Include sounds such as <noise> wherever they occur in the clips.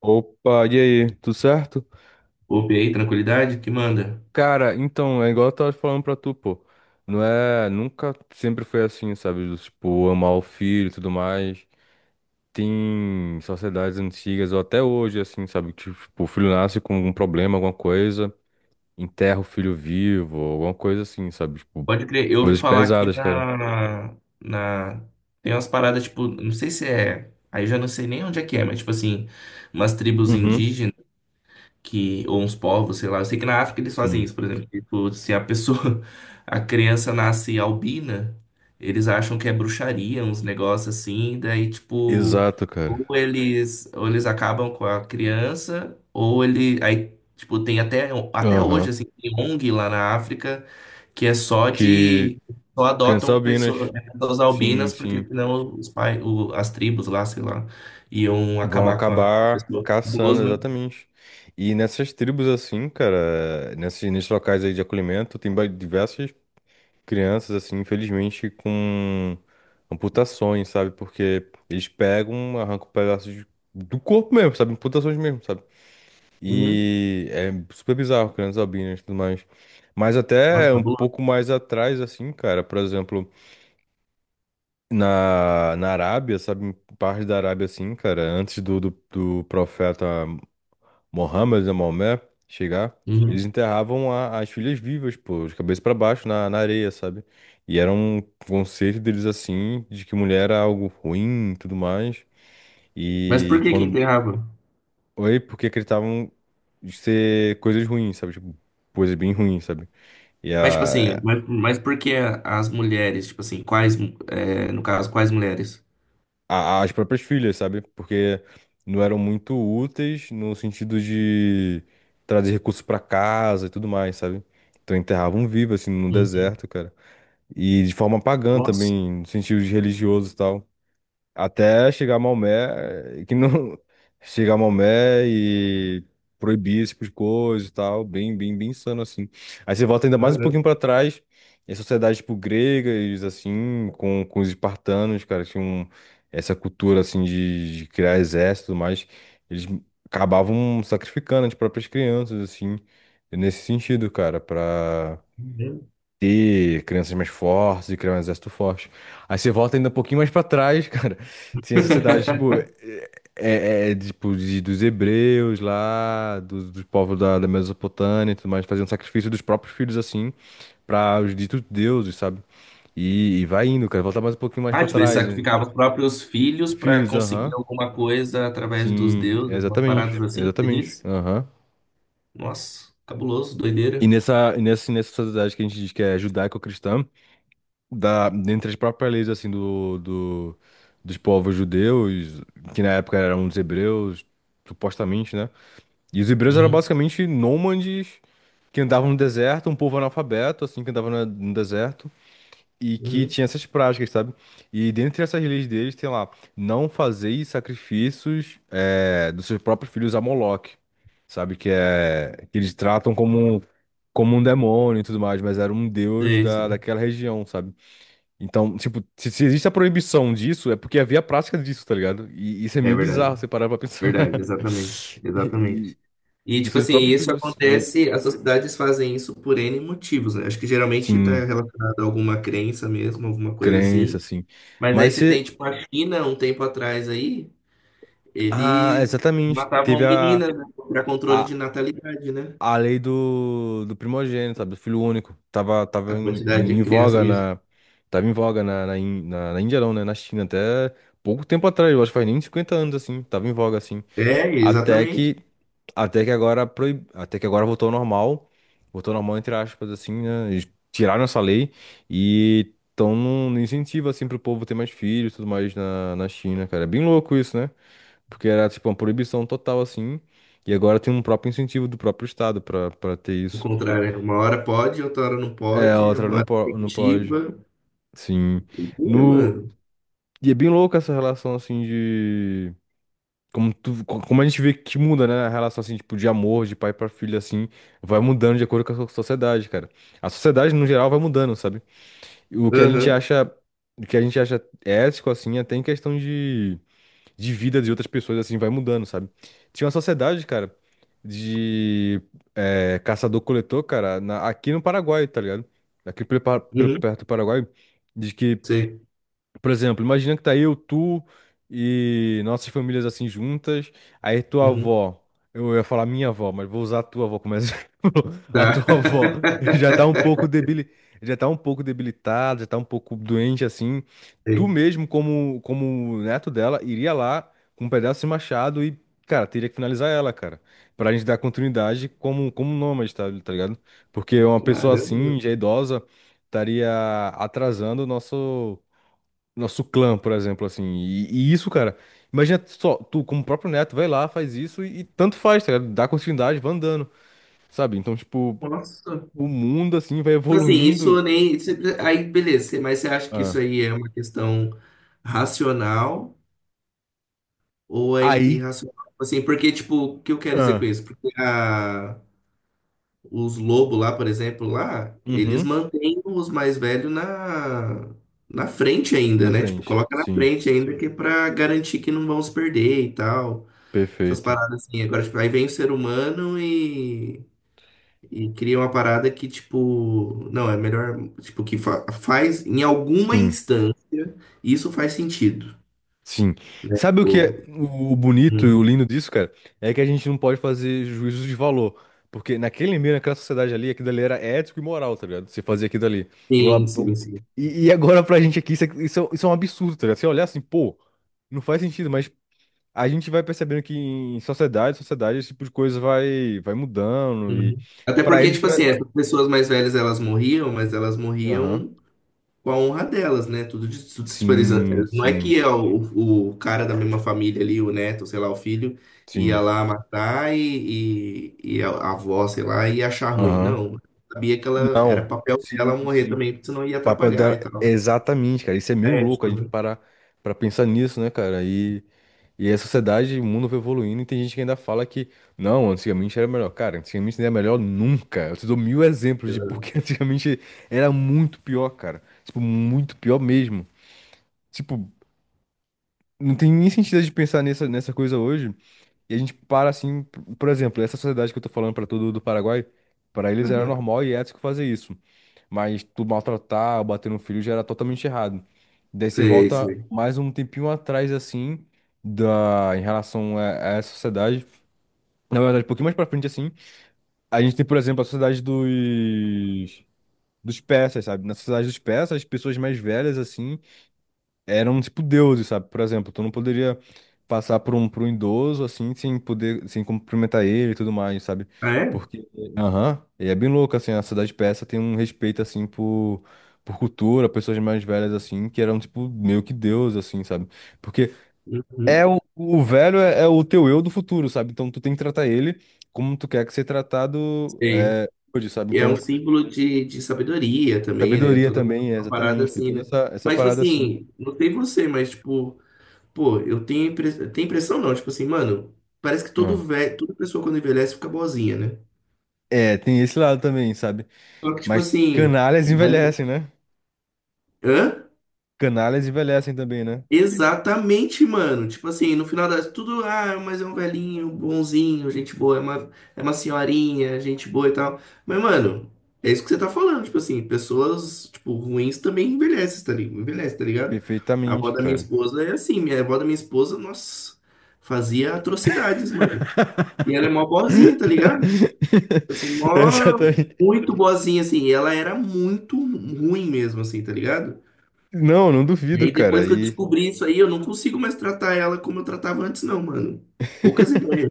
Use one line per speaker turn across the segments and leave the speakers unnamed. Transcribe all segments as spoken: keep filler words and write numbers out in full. Opa, e aí, tudo certo?
Opa, e aí, tranquilidade? Que manda?
Cara, então, é igual eu tava falando pra tu, pô. Não é, nunca sempre foi assim, sabe? Do tipo, amar o filho e tudo mais. Tem sociedades antigas, ou até hoje, assim, sabe? Que, tipo, o filho nasce com algum problema, alguma coisa, enterra o filho vivo, alguma coisa assim, sabe? Tipo,
Pode crer, eu ouvi
coisas
falar que
pesadas, cara.
na, na... Tem umas paradas, tipo, não sei se é... Aí eu já não sei nem onde é que é, mas, tipo assim, umas tribos
Uhum.
indígenas que ou uns povos, sei lá. Eu sei que na África eles fazem
Sim.
isso, por exemplo. Tipo, se a pessoa, <laughs> a criança nasce albina, eles acham que é bruxaria, uns negócios assim, daí tipo,
Exato, cara.
ou eles, ou eles acabam com a criança, ou ele, aí tipo, tem até até hoje
Aham.
assim, tem O N G lá na África que é só
Que
de Só
crianças
adotam pessoas,
albinas,
pessoas
sim,
albinas, porque
sim.
senão os pai, o- as tribos lá, sei lá, iam
Vão
acabar com a
acabar
pessoa.
caçando,
Cabuloso mesmo.
exatamente. E nessas tribos, assim, cara, nesses, nesses locais aí de acolhimento, tem ba- diversas crianças, assim, infelizmente, com amputações, sabe? Porque eles pegam, arrancam pedaços de- do corpo mesmo, sabe? Amputações mesmo, sabe?
Uhum.
E é super bizarro, crianças albinas e tudo mais. Mas
Nossa,
até um
cabuloso.
pouco mais atrás, assim, cara, por exemplo, na, na Arábia, sabe? Em parte da Arábia, assim, cara, antes do, do do profeta. Mohammed e Maomé chegar, eles
Uhum.
enterravam a- as filhas vivas, pô, de cabeça pra baixo na, na areia, sabe? E era um conceito deles assim, de que mulher era algo ruim e tudo mais.
Mas por
E
que que
quando.
enterrava?
Oi, porque acreditavam de ser coisas ruins, sabe? Tipo, coisas bem ruins, sabe? E
Mas, tipo
a,
assim, mas, mas por que as mulheres? Tipo assim, quais, é, no caso, quais mulheres?
a- as próprias filhas, sabe? Porque não eram muito úteis no sentido de trazer recursos pra casa e tudo mais, sabe? Então enterravam vivo, assim, no
Uhum.
deserto, cara. E de forma pagã
Nossa,
também, no sentido de religioso e tal. Até chegar a Maomé, eh, que não. <laughs> Chegar a Maomé e proibir esse tipo de coisa e tal. Bem, bem, bem insano, assim. Aí você volta ainda mais um
caramba.
pouquinho pra trás. E a sociedade, tipo, gregas, assim, com, com os espartanos, cara, tinham essa cultura, assim, de, de criar exército e tudo mais. Eles acabavam sacrificando tipo, as próprias crianças, assim, nesse sentido, cara, pra
Entendeu?
ter crianças mais fortes e criar um exército forte. Aí você volta ainda um pouquinho mais pra trás, <laughs> cara. Tinha essa cidade, tipo, é, é- é, tipo de- dos hebreus lá, dos, dos povos da, da Mesopotâmia e tudo mais, fazendo sacrifício dos próprios filhos, assim, pra os ditos deuses, sabe? E, e vai indo, cara. Volta mais um pouquinho mais
Ah,
pra
tipo, eles
trás, né?
sacrificavam os próprios filhos para
Filhos,
conseguir
aham.
alguma coisa através dos
Sim,
deuses, umas
exatamente.
paradas assim, você
Exatamente.
diz?
Aham.
Nossa, cabuloso,
E
doideira.
nessa, e nessa, nessa sociedade que a gente diz que é judaico-cristã. Da, dentre as próprias leis assim do, do- dos povos judeus, que na época eram os hebreus, supostamente, né? E os hebreus eram
Uhum.
basicamente nômades que andavam no deserto, um povo analfabeto, assim, que andava na- no deserto. E que
Uhum.
tinha essas práticas, sabe? E dentre essas leis deles tem lá, não fazeis sacrifícios eh, dos seus próprios filhos a Moloque, sabe? Que é que eles tratam como, como um demônio e tudo mais, mas era um deus
Sei,
da,
sei.
daquela região, sabe? Então, tipo, se, se existe a proibição disso, é porque havia a prática disso, tá ligado? E isso é
É
meio bizarro,
verdade,
você parar pra pensar.
verdade,
<laughs>
exatamente,
E, e
exatamente. E,
dos
tipo
seus
assim,
próprios
isso
filhos. Oi.
acontece, as sociedades fazem isso por N motivos, né? Acho que geralmente está
Sim,
relacionado a alguma crença mesmo, alguma coisa
crença,
assim.
assim.
Mas aí
Mas
você tem,
você.
tipo, a China, um tempo atrás aí,
Ah,
eles
exatamente.
matavam
Teve a,
meninas, né, para controle de
a,
natalidade, né?
a lei do, do primogênito, sabe? Do filho único. Tava,
A
tava em,
quantidade
em
de crianças.
voga
Isso.
na. Tava em voga na, na, Ín- na, na Índia, não, né? Na China, até pouco tempo atrás, eu acho que faz nem cinquenta anos, assim. Tava em voga, assim.
É,
Até
exatamente.
que, até que agora proib... até que agora voltou ao normal, voltou ao normal entre aspas assim, né? Eles tiraram essa lei e estão no incentivo assim pro povo ter mais filhos, e tudo mais na, na China, cara. É bem louco isso, né? Porque era tipo uma proibição total assim, e agora tem um próprio incentivo do próprio estado pra para ter
O
isso.
contrário, né? Uma hora pode, outra hora não
É, a
pode, é
outra
uma
não
hora
po- não pode.
incentiva.
Sim.
Doideira,
No...
mano.
E é bem louco essa relação assim de Como, tu, co- como a gente vê que muda, né? A relação, assim, tipo, de amor, de pai pra filho, assim, vai mudando de acordo com a so- sociedade, cara. A sociedade, no geral, vai mudando, sabe? E o que a gente
Aham.
acha, o que a gente acha ético, assim, é até em questão de, de vida de outras pessoas, assim, vai mudando, sabe? Tinha uma sociedade, cara, de eh, caçador-coletor, cara, na- aqui no Paraguai, tá ligado? Aqui pelo, Pa- pelo-
Uhum.
perto do Paraguai, de que
Sei.
por exemplo, imagina que tá eu, tu e nossas famílias assim juntas. Aí tua
Uhum.
avó, eu ia falar minha avó, mas vou usar a tua avó como exemplo. <laughs> A
Tá.
tua avó já tá um pouco
<laughs>
debili... já tá um pouco debilitada, já tá um pouco doente assim. Tu
Sei.
mesmo, como, como neto dela, iria lá com um pedaço de machado e, cara, teria que finalizar ela, cara. Pra gente dar continuidade como, como nômade, tá, tá ligado? Porque uma pessoa
Caramba.
assim, já idosa, estaria atrasando o nosso. Nosso clã, por exemplo, assim. E, e isso, cara, imagina só, tu, como próprio neto, vai lá, faz isso e, e tanto faz, tá ligado? Dá continuidade, vai andando, sabe? Então, tipo,
Nossa.
o mundo, assim, vai
Tipo assim,
evoluindo.
isso nem. Isso- aí, beleza, você- mas você acha que isso
Ah.
aí é uma questão racional ou é
Aí.
irracional? Tipo assim, porque, tipo, o que eu quero dizer com
Ah.
isso? Porque a- os lobos lá, por exemplo, lá, eles
Uhum.
mantêm os mais velhos na, na frente ainda,
Na
né? Tipo,
frente.
coloca na
Sim,
frente ainda que é pra garantir que não vão se perder e tal. Essas
perfeito.
paradas assim. Agora, tipo, aí vem o ser humano e cria uma parada que, tipo, não, é melhor, tipo, que fa- faz em alguma
Sim.
instância, isso faz sentido,
Sim.
né?
Sabe o que é
Tipo,
o bonito e o
hum,
lindo disso, cara? É que a gente não pode fazer juízos de valor. Porque naquele meio, naquela sociedade ali, aquilo ali era ético e moral, tá ligado? Você fazia aquilo ali. O- a-
sim,
o-
sim, sim.
E, e agora pra gente aqui, isso é, isso é isso é um absurdo, tá ligado? Você olhar assim, pô, não faz sentido, mas a gente vai percebendo que em sociedade, sociedade, esse tipo de coisa vai, vai mudando e
Uhum. Até
pra
porque,
eles...
tipo
Pra...
assim, essas pessoas mais velhas, elas morriam, mas elas
Aham.
morriam com a honra delas, né? Tudo de tudo se parisa-
Sim,
não é
sim,
que é o, o cara da mesma família ali, o neto, sei lá, o filho, ia
sim.
lá matar e, e, e a a avó, sei lá, ia achar ruim.
Aham.
Não. Sabia que ela era
Não.
papel
Sim,
dela morrer
sim.
também,
O
porque senão ia
papel
atrapalhar e
dela,
tal.
exatamente, cara. Isso é meio
É
louco a
ético,
gente
né?
parar pra pensar nisso, né, cara? E, e a sociedade, o mundo vai evoluindo e tem gente que ainda fala que, não, antigamente era melhor. Cara, antigamente não era melhor nunca. Eu te dou mil exemplos de
Exato.
porque <laughs> antigamente era muito pior, cara. Tipo, muito pior mesmo. Tipo, não tem nem sentido de pensar nessa, nessa coisa hoje. E a gente para assim, por exemplo, essa sociedade que eu tô falando pra todo do Paraguai, pra eles era
Aham.
normal e é ético fazer isso. Mas tu maltratar, bater no filho já era totalmente errado. Daí você
Sei,
volta
sei.
mais um tempinho atrás, assim, da, em relação a, a essa sociedade. Na verdade, um pouquinho mais pra frente, assim, a gente tem, por exemplo, a sociedade dos, dos persas, sabe? Na sociedade dos persas, as pessoas mais velhas, assim, eram tipo deuses, sabe? Por exemplo, tu não poderia passar por um, por um idoso assim sem poder, sem cumprimentar ele e tudo mais, sabe?
Ah, é?
Porque, aham, e é bem louco assim, a cidade persa tem um respeito assim por por cultura, pessoas mais velhas assim, que eram tipo meio que deus assim, sabe? Porque é
Uhum.
o, o velho é, é o teu eu do futuro, sabe? Então tu tem que tratar ele como tu quer que ser tratado
Sei.
é, hoje, sabe?
E é um
Então,
símbolo de, de sabedoria também, né?
sabedoria
Toda
também é
uma parada
exatamente, tem
assim,
toda
né?
essa essa
Mas, tipo
parada assim.
assim, não sei você, mas, tipo. Pô, eu tenho, impre... tenho impressão não, tipo assim, mano, parece que todo
Ah.
velho, toda pessoa quando envelhece fica boazinha, né?
É, tem esse lado também, sabe?
Só que, tipo
Mas
assim,
canalhas
mas não-
envelhecem, né?
hã?
Canalhas envelhecem também, né?
Exatamente, mano. Tipo assim, no final das tudo, ah, mas é um velhinho, bonzinho, gente boa, é uma, é uma senhorinha, gente boa e tal. Mas, mano, é isso que você tá falando, tipo assim, pessoas, tipo, ruins também envelhecem, tá ligado? Envelhece, tá ligado? A avó
Perfeitamente,
da minha
cara.
esposa é assim, minha avó da minha esposa, nossa, fazia atrocidades, mano. E ela é mó boazinha, tá ligado? Assim,
<laughs>
mó,
Exatamente.
muito boazinha, assim. Ela era muito ruim mesmo, assim, tá ligado?
Não, não
E
duvido,
aí, depois
cara.
que eu
E
descobri isso aí, eu não consigo mais tratar ela como eu tratava antes, não, mano. Poucas ideias.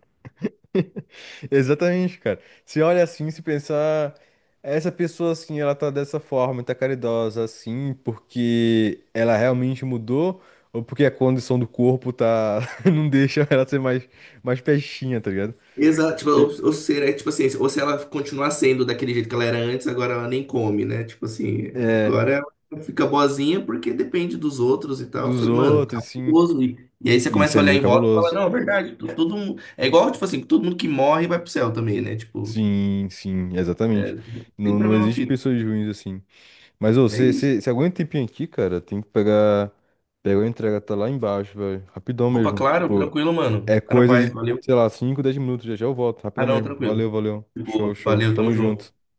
exatamente, cara. Se olha assim, se pensar, essa pessoa assim, ela tá dessa forma, tá caridosa assim, porque ela realmente mudou ou porque a condição do corpo tá <laughs> não deixa ela ser mais mais peixinha, tá ligado?
Exato, tipo, ou,
Se-
ou será, tipo assim, ou se ela continuar sendo daquele jeito que ela era antes, agora ela nem come, né? Tipo assim,
É,
agora ela fica boazinha porque depende dos outros e tal. Eu
dos
falei, mano,
outros, sim.
cabuloso. E, e aí você
Isso
começa a
é
olhar
meio
em volta e fala,
cabuloso.
não, é verdade, to- todo mundo. É igual, tipo assim, todo mundo que morre vai pro céu também, né? Tipo,
Sim, sim, exatamente.
é
Não,
sempre a
não
mesma
existe
fita.
pessoas ruins assim. Mas ô,
É
você
isso.
você- aguenta um tempinho aqui, cara, tem que pegar, pegar a entrega, tá lá embaixo, velho. Rapidão
Opa,
mesmo.
claro,
Tipo,
tranquilo, mano.
é
Fica na
coisa
paz,
de,
valeu.
sei lá, cinco dez minutos, já já eu volto.
Ah,
Rapidão
não,
mesmo.
tranquilo.
Valeu, valeu.
De boa,
Show, show.
valeu, tamo
Tamo
junto.
junto.